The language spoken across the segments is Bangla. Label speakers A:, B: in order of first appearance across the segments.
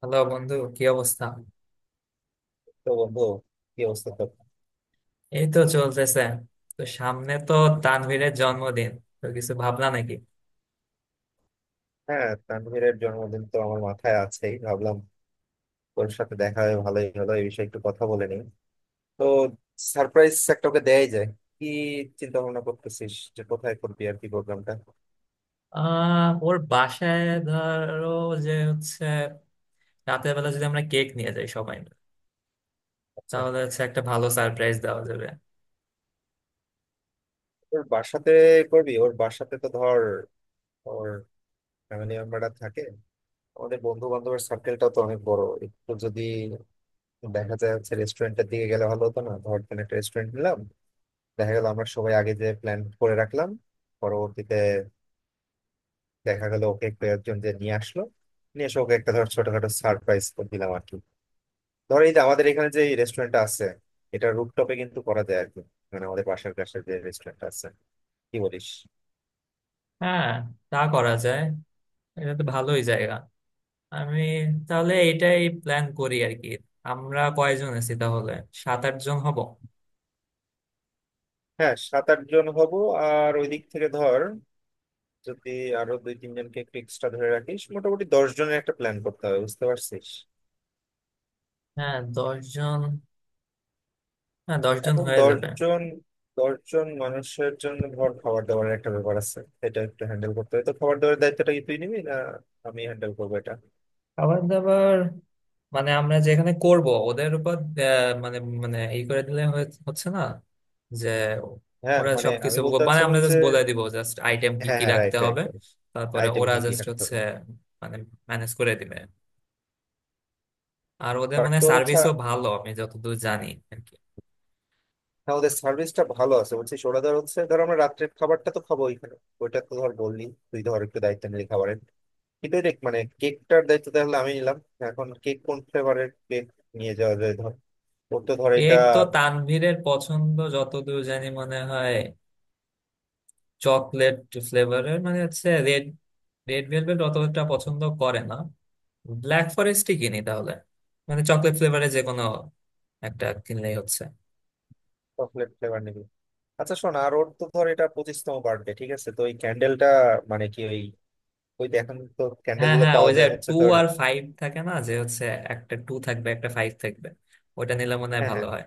A: হ্যালো বন্ধু, কি অবস্থা?
B: তো বন্ধু, কি অবস্থা তো?
A: এই তো চলতেছে। তো সামনে তো তানভীরের জন্মদিন। তো কিছু ভাবনা নাকি?
B: হ্যাঁ, তানভীরের জন্মদিন তো আমার মাথায় আছেই। ভাবলাম ওর সাথে দেখা হয়ে ভালোই হলো, এই বিষয়ে একটু কথা বলে নিই। তো সারপ্রাইজ একটা ওকে দেয়াই যায়। কি চিন্তা ভাবনা করতেছিস যে কোথায় করবি আর কি প্রোগ্রামটা?
A: ওর বাসায়, ধরো, যে হচ্ছে রাতের বেলা যদি আমরা কেক নিয়ে যাই সবাই মিলে,
B: আচ্ছা,
A: তাহলে হচ্ছে একটা ভালো সারপ্রাইজ দেওয়া যাবে।
B: ওর বাসাতে করবি? ওর বাসাতে তো ধর ওর ফ্যামিলি মেম্বাররা থাকে, আমাদের বন্ধু বান্ধবের সার্কেলটাও তো অনেক বড়। একটু যদি দেখা যায় হচ্ছে রেস্টুরেন্টের দিকে গেলে ভালো হতো না? ধর কোনো একটা রেস্টুরেন্ট নিলাম, দেখা গেল আমরা সবাই আগে যে প্ল্যান করে রাখলাম, পরবর্তীতে দেখা গেল ওকে একটু একজন যে নিয়ে আসলো, নিয়ে এসে ওকে একটা ধর ছোটখাটো সারপ্রাইজ করে দিলাম আর কি। ধর এই যে আমাদের এখানে যে রেস্টুরেন্টটা আছে, এটা রুফটপে কিন্তু করা যায় আর কি। মানে আমাদের পাশের কাছে যে রেস্টুরেন্ট আছে, কি বলিস?
A: হ্যাঁ, তা করা যায়, এটা তো ভালোই জায়গা। আমি তাহলে এটাই প্ল্যান করি আর কি। আমরা কয়জন আছি তাহলে? 7-8 জন হব।
B: হ্যাঁ, সাত আট জন হব। আর ওই দিক থেকে ধর যদি আরো দুই তিনজনকে একটু এক্সট্রা ধরে রাখিস, মোটামুটি 10 জনের একটা প্ল্যান করতে হবে, বুঝতে পারছিস?
A: হ্যাঁ, 10 জন। হ্যাঁ, দশ জন
B: এখন
A: হয়ে
B: দশ
A: যাবে।
B: জন 10 জন মানুষের জন্য ধর খাবার দাবারের একটা ব্যাপার আছে, এটা একটু হ্যান্ডেল করতে হবে। তো খাবার দাবারের দায়িত্বটা কি তুই নিবি না আমি হ্যান্ডেল করবো এটা?
A: খাবার দাবার মানে আমরা যেখানে করব ওদের উপর। মানে মানে ই করে দিলে হচ্ছে না, যে
B: হ্যাঁ,
A: ওরা
B: মানে
A: সবকিছু
B: আমি বলতে
A: মানে
B: চাচ্ছিলাম
A: আমরা
B: যে
A: জাস্ট বলে দিব জাস্ট আইটেম কি
B: হ্যাঁ
A: কি
B: হ্যাঁ,
A: রাখতে
B: রাইট রাইট,
A: হবে। তারপরে
B: আইটেম
A: ওরা
B: কি কি
A: জাস্ট
B: রাখতে
A: হচ্ছে
B: হবে।
A: মানে ম্যানেজ করে দিবে। আর ওদের
B: বাট
A: মানে
B: তোর হচ্ছে,
A: সার্ভিসও ভালো আমি যতদূর জানি আর কি।
B: হ্যাঁ ওদের সার্ভিসটা ভালো আছে বলছি, ওরা ধর হচ্ছে ধর আমরা রাত্রের খাবারটা তো খাবো ওইখানে। ওইটা তো ধর বললি, তুই ধর একটু দায়িত্ব নিলি খাবারের, কিন্তু দেখ মানে কেকটার দায়িত্ব তাহলে আমি নিলাম। এখন কেক কোন ফ্লেভারের কেক নিয়ে যাওয়া যায় ধর, ওর তো ধর এটা।
A: কেক তো তানভীরের পছন্দ যতদূর জানি মনে হয় চকলেট ফ্লেভারের, মানে হচ্ছে রেড রেড ভেলভেট অতটা পছন্দ করে না, ব্ল্যাক ফরেস্টই কিনি তাহলে। মানে চকলেট ফ্লেভারে যে কোনো একটা কিনলেই হচ্ছে।
B: চকলেট ফ্লেভার নিবি। আচ্ছা শোন, আর ওর তো ধর এটা 25তম বার্থডে, ঠিক আছে? তো ওই ক্যান্ডেলটা, মানে কি ওই, ওই এখন তো ক্যান্ডেল
A: হ্যাঁ,
B: গুলো
A: হ্যাঁ,
B: পাওয়া
A: ওই যে
B: যায় হচ্ছে
A: 2
B: তোর।
A: আর 5 থাকে না, যে হচ্ছে একটা 2 থাকবে একটা 5 থাকবে, ওটা নিলে মনে হয়
B: হ্যাঁ
A: ভালো
B: হ্যাঁ,
A: হয়।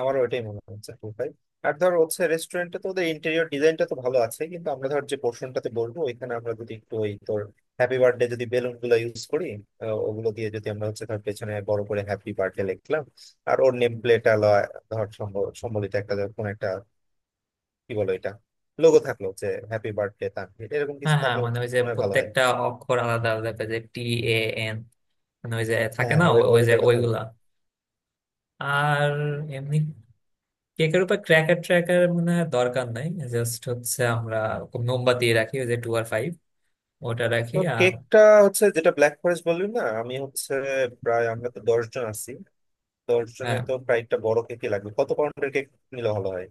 B: আমারও ওটাই মনে হচ্ছে, টু ফাইভ। আর ধর হচ্ছে রেস্টুরেন্টে তো ওদের ইন্টেরিয়র ডিজাইনটা তো ভালো আছে, কিন্তু আমরা ধর যে পোর্শনটাতে বলবো ওইখানে আমরা যদি একটু ওই তোর হ্যাপি বার্থডে যদি বেলুন গুলো ইউজ করি, ওগুলো দিয়ে যদি আমরা হচ্ছে ধর পেছনে বড় করে হ্যাপি বার্থডে লিখলাম, আর ওর নেম প্লেট ধর সম্বলিত একটা ধর কোনো একটা, কি বলো এটা, লোগো থাকলো যে হ্যাপি বার্থডে তানভীর এরকম
A: হ্যাঁ,
B: কিছু
A: হ্যাঁ,
B: থাকলে
A: মানে ওই যে
B: মনে হয় ভালো হয়।
A: প্রত্যেকটা অক্ষর আলাদা আলাদা করে, যে TAN, মানে ওই যে থাকে
B: হ্যাঁ
A: না,
B: ওই
A: ও- ওই যে
B: ওইটার কথা বল।
A: ওইগুলা। আর এমনি কেকের উপর ক্র্যাকার ট্র্যাকার মনে হয় দরকার নাই। জাস্ট হচ্ছে আমরা খুব মোমবাতি রাখি ওই যে টু আর ফাইভ, ওটা রাখি
B: তো
A: আর।
B: কেকটা হচ্ছে যেটা ব্ল্যাক ফরেস্ট বললি না, আমি হচ্ছে প্রায় আমরা তো 10 জন আছি, তোর জন্য
A: হ্যাঁ।
B: তো প্রায় একটা বড় কেকই লাগবে। কত পাউন্ডের কেক নিলে ভালো হয়?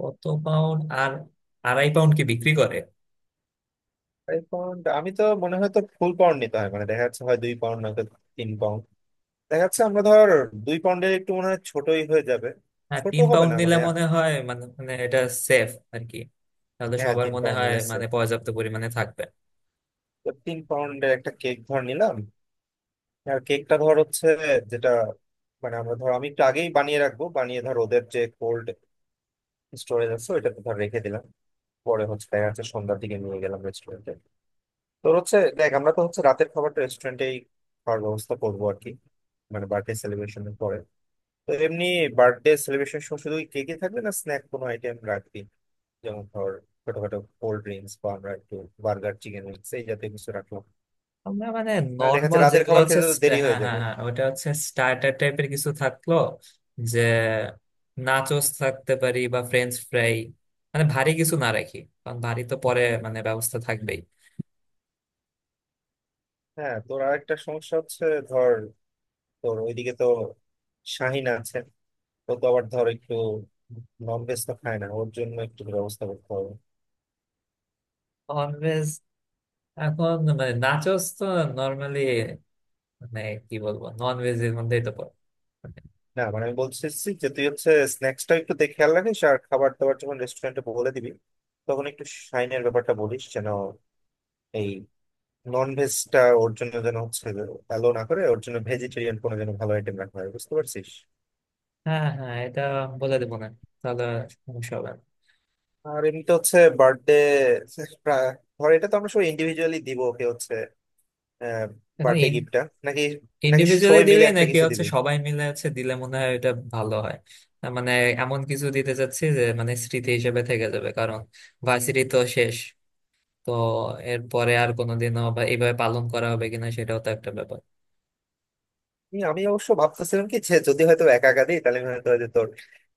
A: কত পাউন্ড আর? 2.5 পাউন্ড কি বিক্রি করে?
B: 5 পাউন্ড? আমি তো মনে হয় তো ফুল পাউন্ড নিতে হয়, মানে দেখা যাচ্ছে হয় 2 পাউন্ড নয়তো 3 পাউন্ড। দেখা যাচ্ছে আমরা ধর 2 পাউন্ডের একটু মনে হয় ছোটই হয়ে যাবে,
A: হ্যাঁ,
B: ছোট
A: তিন
B: হবে
A: পাউন্ড
B: না
A: নিলে
B: মানে।
A: মনে হয় মানে মানে এটা সেফ আর কি। তাহলে
B: হ্যাঁ
A: সবার
B: তিন
A: মনে
B: পাউন্ড
A: হয়
B: নিলে
A: মানে
B: safe।
A: পর্যাপ্ত পরিমাণে থাকবে।
B: তো 3 পাউন্ডের একটা কেক ধর নিলাম। আর কেকটা ধর হচ্ছে যেটা মানে আমরা ধর আমি একটু আগেই বানিয়ে রাখবো, বানিয়ে ধর ওদের যে কোল্ড স্টোরেজ আছে ওইটাতে ধর রেখে দিলাম, পরে হচ্ছে দেখা যাচ্ছে সন্ধ্যার দিকে নিয়ে গেলাম রেস্টুরেন্টে। তোর হচ্ছে দেখ আমরা তো হচ্ছে রাতের খাবারটা রেস্টুরেন্টেই খাওয়ার ব্যবস্থা করবো আর কি, মানে বার্থডে সেলিব্রেশনের পরে। তো এমনি বার্থডে সেলিব্রেশন সময় শুধু কেকে থাকবে না, স্ন্যাক কোনো আইটেম রাখবি, যেমন ধর ছোটখাটো কোল্ড ড্রিঙ্কস বা আমরা একটু বার্গার চিকেন উইংস এই জাতীয় কিছু রাখলাম,
A: আমরা মানে
B: মানে দেখা যাচ্ছে
A: নর্মাল
B: রাতের
A: যেগুলো
B: খাবার
A: হচ্ছে
B: খেতে তো দেরি
A: হ্যাঁ,
B: হয়ে
A: হ্যাঁ,
B: যাবে।
A: হ্যাঁ, ওটা হচ্ছে স্টার্টার টাইপের কিছু থাকলো, যে নাচোস থাকতে পারি বা ফ্রেঞ্চ ফ্রাই, মানে ভারী কিছু না রাখি কারণ ভারী তো পরে মানে ব্যবস্থা থাকবেই।
B: হ্যাঁ তোর আরেকটা সমস্যা হচ্ছে, ধর তোর ওইদিকে তো শাহিন আছে, ও তো আবার ধর একটু নন ভেজ তো খায় না, ওর জন্য একটু ব্যবস্থা করতে হবে।
A: ননভেজ? এখন মানে নাচোস তো নর্মালি মানে কি বলবো ননভেজ এর মধ্যেই তো পড়ে।
B: না, মানে আমি বলতেছি যে তুই হচ্ছে স্ন্যাক্সটা একটু দেখে খেয়াল রাখিস, আর খাবার দাবার যখন রেস্টুরেন্টে বলে দিবি তখন একটু শাইনের ব্যাপারটা বলিস, যেন এই নন ভেজটা ওর জন্য যেন হচ্ছে অ্যালো না করে, ওর জন্য ভেজিটেরিয়ান কোনো যেন ভালো আইটেম রাখা হয়, বুঝতে পারছিস?
A: হ্যাঁ, হ্যাঁ, হ্যাঁ, এটা বলে দেবো না, তাহলে সমস্যা হবে না।
B: আর এমনিতে হচ্ছে বার্থডে, ধর এটা তো আমরা সবাই ইন্ডিভিজুয়ালি দিব ওকে হচ্ছে বার্থডে
A: এখন
B: গিফটটা, নাকি? নাকি
A: ইন্ডিভিজুয়ালি
B: সবাই মিলে
A: দিবে
B: একটা
A: নাকি
B: কিছু
A: হচ্ছে
B: দিবি?
A: সবাই মিলে হচ্ছে দিলে মনে হয় এটা ভালো হয়। তার মানে এমন কিছু দিতে চাচ্ছি যে মানে স্মৃতি হিসেবে থেকে যাবে, কারণ ভার্সিটি তো শেষ, তো এরপরে আর কোনোদিনও বা এইভাবে পালন করা হবে কিনা সেটাও তো একটা ব্যাপার।
B: আমি আমি অবশ্য ভাবতেছিলাম কি যে যদি হয়তো একা একা দিই তাহলে হয়তো ওই যে তোর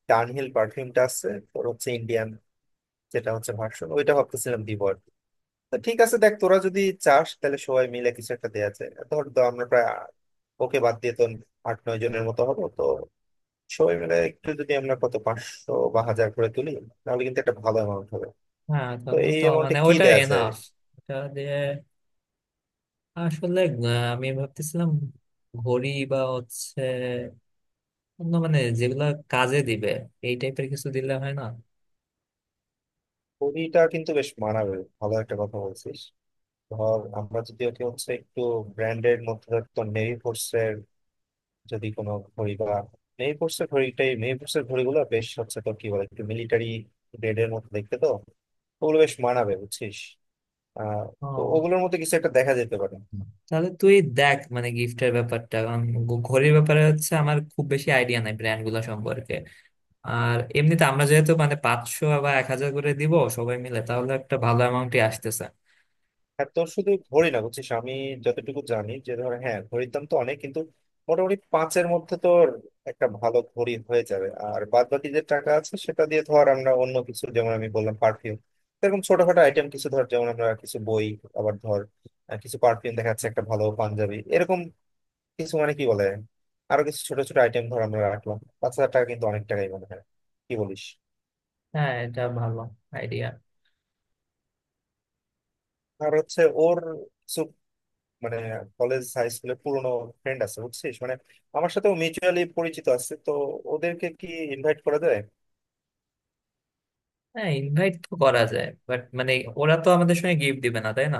B: ডানহিল পারফিউমটা আছে তোর হচ্ছে ইন্ডিয়ান যেটা হচ্ছে ভার্সন, ওইটা ভাবতেছিলাম দিব আর কি। তো ঠিক আছে দেখ, তোরা যদি চাস তাহলে সবাই মিলে কিছু একটা দেয়া যায়। ধর তো আমরা প্রায় ওকে বাদ দিয়ে তো আট নয় জনের মতো হবো তো, সবাই মিলে একটু যদি আমরা কত 500 বা 1000 করে তুলি তাহলে কিন্তু একটা ভালো অ্যামাউন্ট হবে।
A: হ্যাঁ,
B: তো
A: তাহলে
B: এই
A: তো
B: অ্যামাউন্টে
A: মানে
B: কি
A: ওইটা
B: দেয়া যায়?
A: এনাফ। এটা দিয়ে আসলে আমি ভাবতেছিলাম ঘড়ি বা হচ্ছে অন্য মানে যেগুলা কাজে দিবে, এই টাইপের কিছু দিলে হয় না?
B: কুড়িটা কিন্তু বেশ মানাবে, ভালো একটা কথা বলছিস। ধর আমরা যদি ওকে হচ্ছে একটু ব্র্যান্ডের মধ্যে ধর তোর নেভি ফোর্স এর যদি কোনো ঘড়ি বা মেহেরপুরের ঘড়িটাই, মেহেরপুরের ঘড়িগুলো বেশ হচ্ছে, তো কি বলে একটু মিলিটারি গ্রেডের মতো দেখতে তো ওগুলো বেশ মানাবে, বুঝছিস? আহ, তো
A: ও,
B: ওগুলোর মধ্যে কিছু একটা দেখা যেতে পারে।
A: তাহলে তুই দেখ মানে গিফটের ব্যাপারটা, কারণ ঘড়ির ব্যাপারে হচ্ছে আমার খুব বেশি আইডিয়া নাই ব্র্যান্ড গুলো সম্পর্কে। আর এমনিতে আমরা যেহেতু মানে 500 বা 1,000 করে দিব সবাই মিলে, তাহলে একটা ভালো অ্যামাউন্টই আসতেছে।
B: আর তোর শুধু ঘড়ি না বুঝছিস, আমি যতটুকু জানি যে ধর, হ্যাঁ ঘড়ির দাম তো অনেক কিন্তু মোটামুটি পাঁচের মধ্যে তোর একটা ভালো ঘড়ি হয়ে যাবে, আর বাদ বাকি যে টাকা আছে সেটা দিয়ে ধর আমরা অন্য কিছু, যেমন আমি বললাম পারফিউম এরকম ছোটখাটো আইটেম কিছু, ধর যেমন আমরা কিছু বই, আবার ধর, কিছু পারফিউম, দেখা যাচ্ছে একটা ভালো পাঞ্জাবি এরকম কিছু, মানে কি বলে আরো কিছু ছোট ছোট আইটেম ধর আমরা রাখলাম। 5000 টাকা কিন্তু অনেক টাকাই মনে হয়, কি বলিস?
A: হ্যাঁ, এটা ভালো আইডিয়া।
B: আর হচ্ছে ওর কিছু মানে কলেজ হাই স্কুলের পুরোনো ফ্রেন্ড আছে বুঝছিস, মানে আমার সাথে মিউচুয়ালি পরিচিত আছে তো, ওদেরকে কি ইনভাইট করা যায়?
A: হ্যাঁ, ইনভাইট তো করা যায়, বাট মানে ওরা তো আমাদের সঙ্গে গিফট দিবে না, তাই না?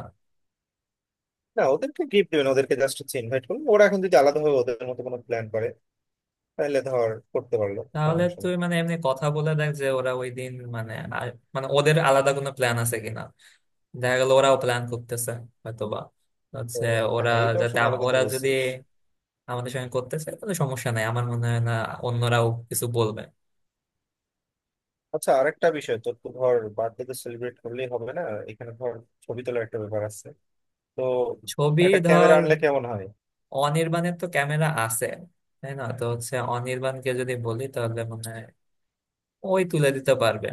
B: না, ওদেরকে গিফট দেবেন ওদেরকে জাস্ট হচ্ছে ইনভাইট করবেন। ওরা এখন যদি আলাদাভাবে ওদের মতো কোনো প্ল্যান করে তাহলে ধর করতে পারলো,
A: তাহলে
B: সমস্যা
A: তুই
B: নেই
A: মানে এমনি কথা বলে দেখ যে ওরা ওই দিন মানে মানে ওদের আলাদা কোনো প্ল্যান আছে কিনা, দেখা গেল ওরাও প্ল্যান করতেছে হয়তোবা,
B: তো।
A: হচ্ছে ওরা।
B: হ্যাঁ এটা অবশ্য
A: যাতে
B: ভালো কথা
A: ওরা যদি
B: বলছিস।
A: আমাদের সঙ্গে করতেছে, কোনো সমস্যা নাই, আমার মনে হয় না অন্যরাও কিছু বলবে।
B: আচ্ছা আরেকটা বিষয়, তোর তো ধর বার্থডে তো সেলিব্রেট করলেই হবে না, এখানে ধর ছবি তোলার একটা ব্যাপার আছে তো।
A: ছবি,
B: একটা ক্যামেরা
A: ধর।
B: আনলে কেমন হয়?
A: অনির্বাণের তো ক্যামেরা আছে, তাই না? তো হচ্ছে অনির্বাণকে যদি বলি তাহলে মনে হয় ওই তুলে দিতে পারবে।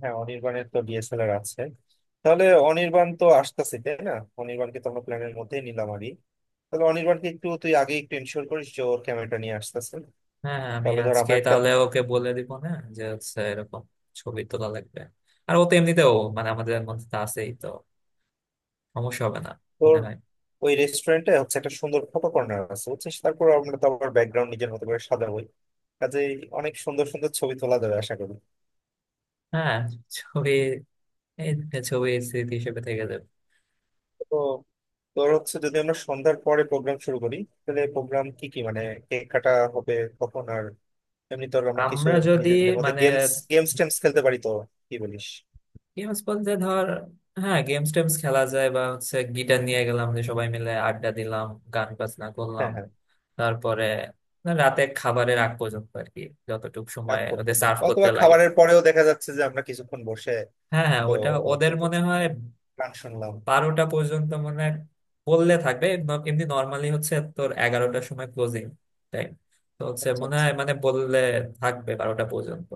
B: হ্যাঁ অনির্বাণের তো DSLR আছে, তাহলে অনির্বাণ তো আসতেছে তাই না? অনির্বাণকে তো আমরা প্ল্যানের মধ্যেই নিলাম আরই, তাহলে অনির্বাণকে একটু তুই আগে একটু ইনশিওর করিস যে ওর ক্যামেরাটা নিয়ে আসতেছে।
A: হ্যাঁ, আমি
B: তাহলে ধর
A: আজকে
B: আমরা একটা,
A: তাহলে ওকে বলে দিব না, যে হচ্ছে এরকম ছবি তোলা লাগবে। আর ও তো এমনিতেও মানে আমাদের মধ্যে তো আছেই তো, সমস্যা হবে না
B: তোর
A: মনে হয়।
B: ওই রেস্টুরেন্টে হচ্ছে একটা সুন্দর ফটো কর্নার আছে বুঝছিস, তারপর আমরা তো আবার ব্যাকগ্রাউন্ড নিজের মতো করে সাজাবোই, কাজে অনেক সুন্দর সুন্দর ছবি তোলা যাবে আশা করি।
A: হ্যাঁ, ছবি, এই ছবি স্মৃতি হিসেবে থেকে যাবে।
B: তো তোর হচ্ছে যদি আমরা সন্ধ্যার পরে প্রোগ্রাম শুরু করি, তাহলে প্রোগ্রাম কি কি মানে, কেক কাটা হবে কখন, আর এমনি তো আমরা কিছু
A: আমরা যদি
B: নিজেদের মধ্যে
A: মানে
B: গেমস, গেমস টেমস খেলতে পারি তো, কি বলিস?
A: গেমস বলতে ধর, হ্যাঁ, গেমস টেমস খেলা যায়, বা হচ্ছে গিটার নিয়ে গেলাম, যে সবাই মিলে আড্ডা দিলাম, গান বাজনা করলাম।
B: হ্যাঁ হ্যাঁ,
A: তারপরে রাতে খাবারের আগ পর্যন্ত আর কি, যতটুকু
B: আগ
A: সময় ওদের
B: পর্যন্ত
A: সার্ভ করতে
B: অথবা
A: লাগে।
B: খাবারের পরেও দেখা যাচ্ছে যে আমরা কিছুক্ষণ বসে,
A: হ্যাঁ, হ্যাঁ,
B: তো
A: ওটা
B: তো
A: ওদের মনে হয়
B: গান শুনলাম।
A: 12টা পর্যন্ত মনে হয় বললে থাকবে, এমনি নর্মালি হচ্ছে তোর 11টার সময় ক্লোজিং টাইম, তো হচ্ছে
B: আচ্ছা
A: মনে
B: আচ্ছা,
A: হয় মানে বললে থাকবে 12টা পর্যন্ত।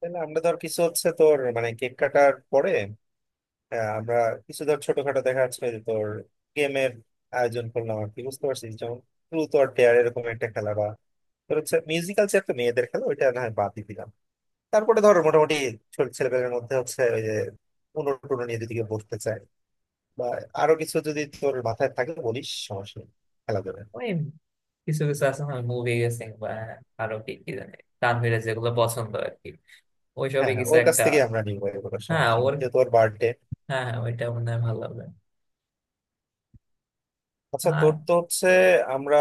B: তাহলে আমরা ধর কিছু হচ্ছে তোর মানে কেক কাটার পরে, আমরা কিছু ধর ছোটখাটো, দেখা যাচ্ছে যে তোর গেমের আয়োজন করলাম আর কি, বুঝতে পারছিস যেমন ট্রুথ অর ডেয়ার এরকম একটা খেলা, বা তোর হচ্ছে মিউজিক্যাল যে একটা মেয়েদের খেলা ওইটা না হয় বাদ দিয়ে দিলাম। তারপরে ধর মোটামুটি ছোট ছেলেপেলের মধ্যে হচ্ছে ওই যে উনো টুনো নিয়ে যদি কেউ বসতে চায়, বা আরো কিছু যদি তোর মাথায় থাকে বলিস, সমস্যা নেই, খেলা যাবে।
A: ওই কিছু কিছু আছে না মুভি গেসিং বা আরো কি কি জানি তানভীরের যেগুলো
B: হ্যাঁ
A: পছন্দ আর কি, ওইসবই
B: হ্যাঁ
A: কিছু
B: ওর কাছ
A: একটা।
B: থেকে আমরা নিবো এগুলো,
A: হ্যাঁ,
B: সমস্যা
A: ওর,
B: নেই যে তোর বার্থডে।
A: হ্যাঁ, হ্যাঁ, ওইটা মনে হয় ভালো লাগবে।
B: আচ্ছা
A: আর
B: তোর তো হচ্ছে আমরা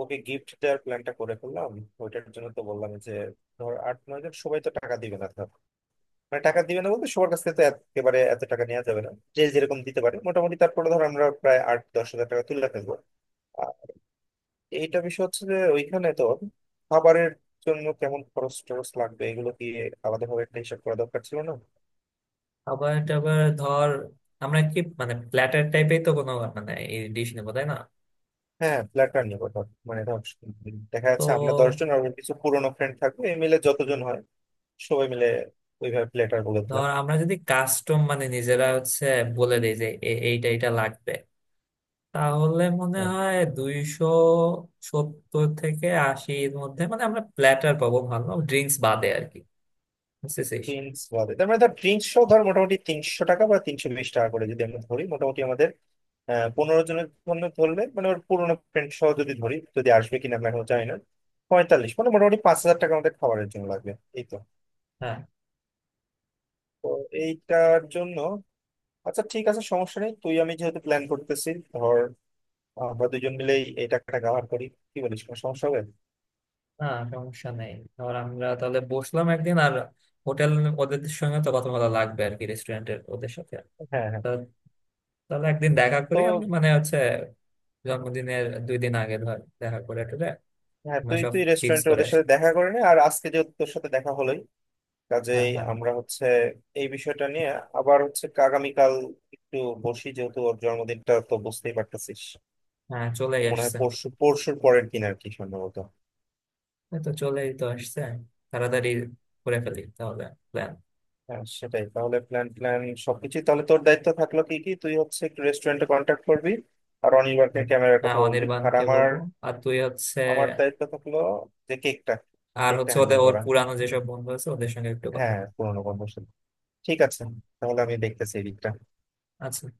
B: ওকে গিফট দেওয়ার প্ল্যানটা করে ফেললাম, ওইটার জন্য তো বললাম যে ধর আট নয় জন সবাই তো টাকা দিবে না ধর, মানে টাকা দিবে না বলতে সবার কাছ থেকে তো একেবারে এত টাকা নেওয়া যাবে না, যে যেরকম দিতে পারে মোটামুটি, তারপরে ধর আমরা প্রায় 8-10 হাজার টাকা তুলে ফেলবো। আর এইটা বিষয় হচ্ছে যে ওইখানে তোর খাবারের জন্য কেমন খরচ টরচ লাগবে এগুলো কি আলাদাভাবে একটা হিসাব করা দরকার ছিল না?
A: আবার টাবার ধর আমরা কি মানে প্ল্যাটার টাইপের তো কোনো মানে এই ডিশ নেবো, তাই না?
B: হ্যাঁ ফ্ল্যাটার নিবো ধর, মানে ধর দেখা যাচ্ছে আমরা
A: তো
B: দশজন আর ওর কিছু পুরোনো ফ্রেন্ড থাকবে, এই মিলে যতজন হয় সবাই মিলে ওইভাবে ফ্ল্যাটার বলে দিলাম।
A: ধর আমরা যদি কাস্টম মানে নিজেরা হচ্ছে বলে দিই যে এইটা এইটা লাগবে, তাহলে মনে
B: হ্যাঁ,
A: হয় 270 থেকে 80-র মধ্যে মানে আমরা প্ল্যাটার পাবো, ভালো, ড্রিঙ্কস বাদে আর কি, বুঝতেছিস।
B: ড্রিঙ্কস বাদে তার মানে ধর ড্রিঙ্কস ধর মোটামুটি 300 টাকা বা 320 টাকা করে যদি আমরা ধরি, মোটামুটি আমাদের আহ 15 জনের জন্য ধরলে, মানে ওর পুরোনো ফ্রেন্ড সহ যদি ধরি, যদি আসবে কিনা আমি এখনো জানি না, 45 মানে মোটামুটি 5000 টাকা আমাদের খাবারের জন্য লাগবে এই তো।
A: হ্যাঁ,
B: তো এইটার জন্য আচ্ছা ঠিক আছে, সমস্যা নেই, তুই আমি যেহেতু প্ল্যান করতেছি ধর আমরা দুজন মিলেই এই টাকাটা কাভার করি, কি বলিস? কোনো সমস্যা হবে?
A: না, সমস্যা নেই। ধর আমরা তাহলে বসলাম একদিন আর হোটেল, ওদের সঙ্গে তো কথা বলা লাগবে আর কি, রেস্টুরেন্টের ওদের সাথে।
B: হ্যাঁ হ্যাঁ।
A: তা তাহলে একদিন দেখা
B: তো
A: করি আমি মানে হচ্ছে জন্মদিনের 2 দিন আগে ধর দেখা করে টরে,
B: হ্যাঁ
A: মানে
B: তুই
A: সব
B: তুই
A: ফিক্স
B: রেস্টুরেন্টে
A: করে
B: ওদের
A: আসি।
B: সাথে দেখা করে নে, আর আজকে যেহেতু তোর সাথে দেখা হলোই
A: হ্যাঁ,
B: কাজেই
A: হ্যাঁ,
B: আমরা হচ্ছে এই বিষয়টা নিয়ে আবার হচ্ছে আগামীকাল একটু বসি, যেহেতু ওর জন্মদিনটা তো বুঝতেই পারতেছিস
A: হ্যাঁ, চলেই
B: মনে হয়
A: আসছে।
B: পরশু পরশুর পরের দিন আর কি সম্ভবত।
A: এই তো চলেই তো আসছে, তাড়াতাড়ি করে ফেলি তাহলে প্ল্যান।
B: হ্যাঁ সেটাই, তাহলে প্ল্যান প্ল্যান সবকিছু তাহলে তোর দায়িত্ব থাকলো, কি কি তুই হচ্ছে একটু রেস্টুরেন্টে কন্ট্যাক্ট করবি, আর অনির্বাণকে ক্যামেরার
A: হ্যাঁ,
B: কথা বলবি, আর
A: অনির্বাণকে
B: আমার,
A: বলবো। আর তুই হচ্ছে,
B: আমার দায়িত্ব থাকলো যে কেকটা,
A: আর
B: কেকটা
A: হচ্ছে ওদের,
B: হ্যান্ডেল
A: ওর
B: করা।
A: পুরানো যেসব বন্ধু আছে ওদের সঙ্গে একটু কথা বল।
B: হ্যাঁ পুরোনো বন্ধুর সাথে। ঠিক আছে, তাহলে আমি দেখতেছি এই দিকটা।
A: আচ্ছা।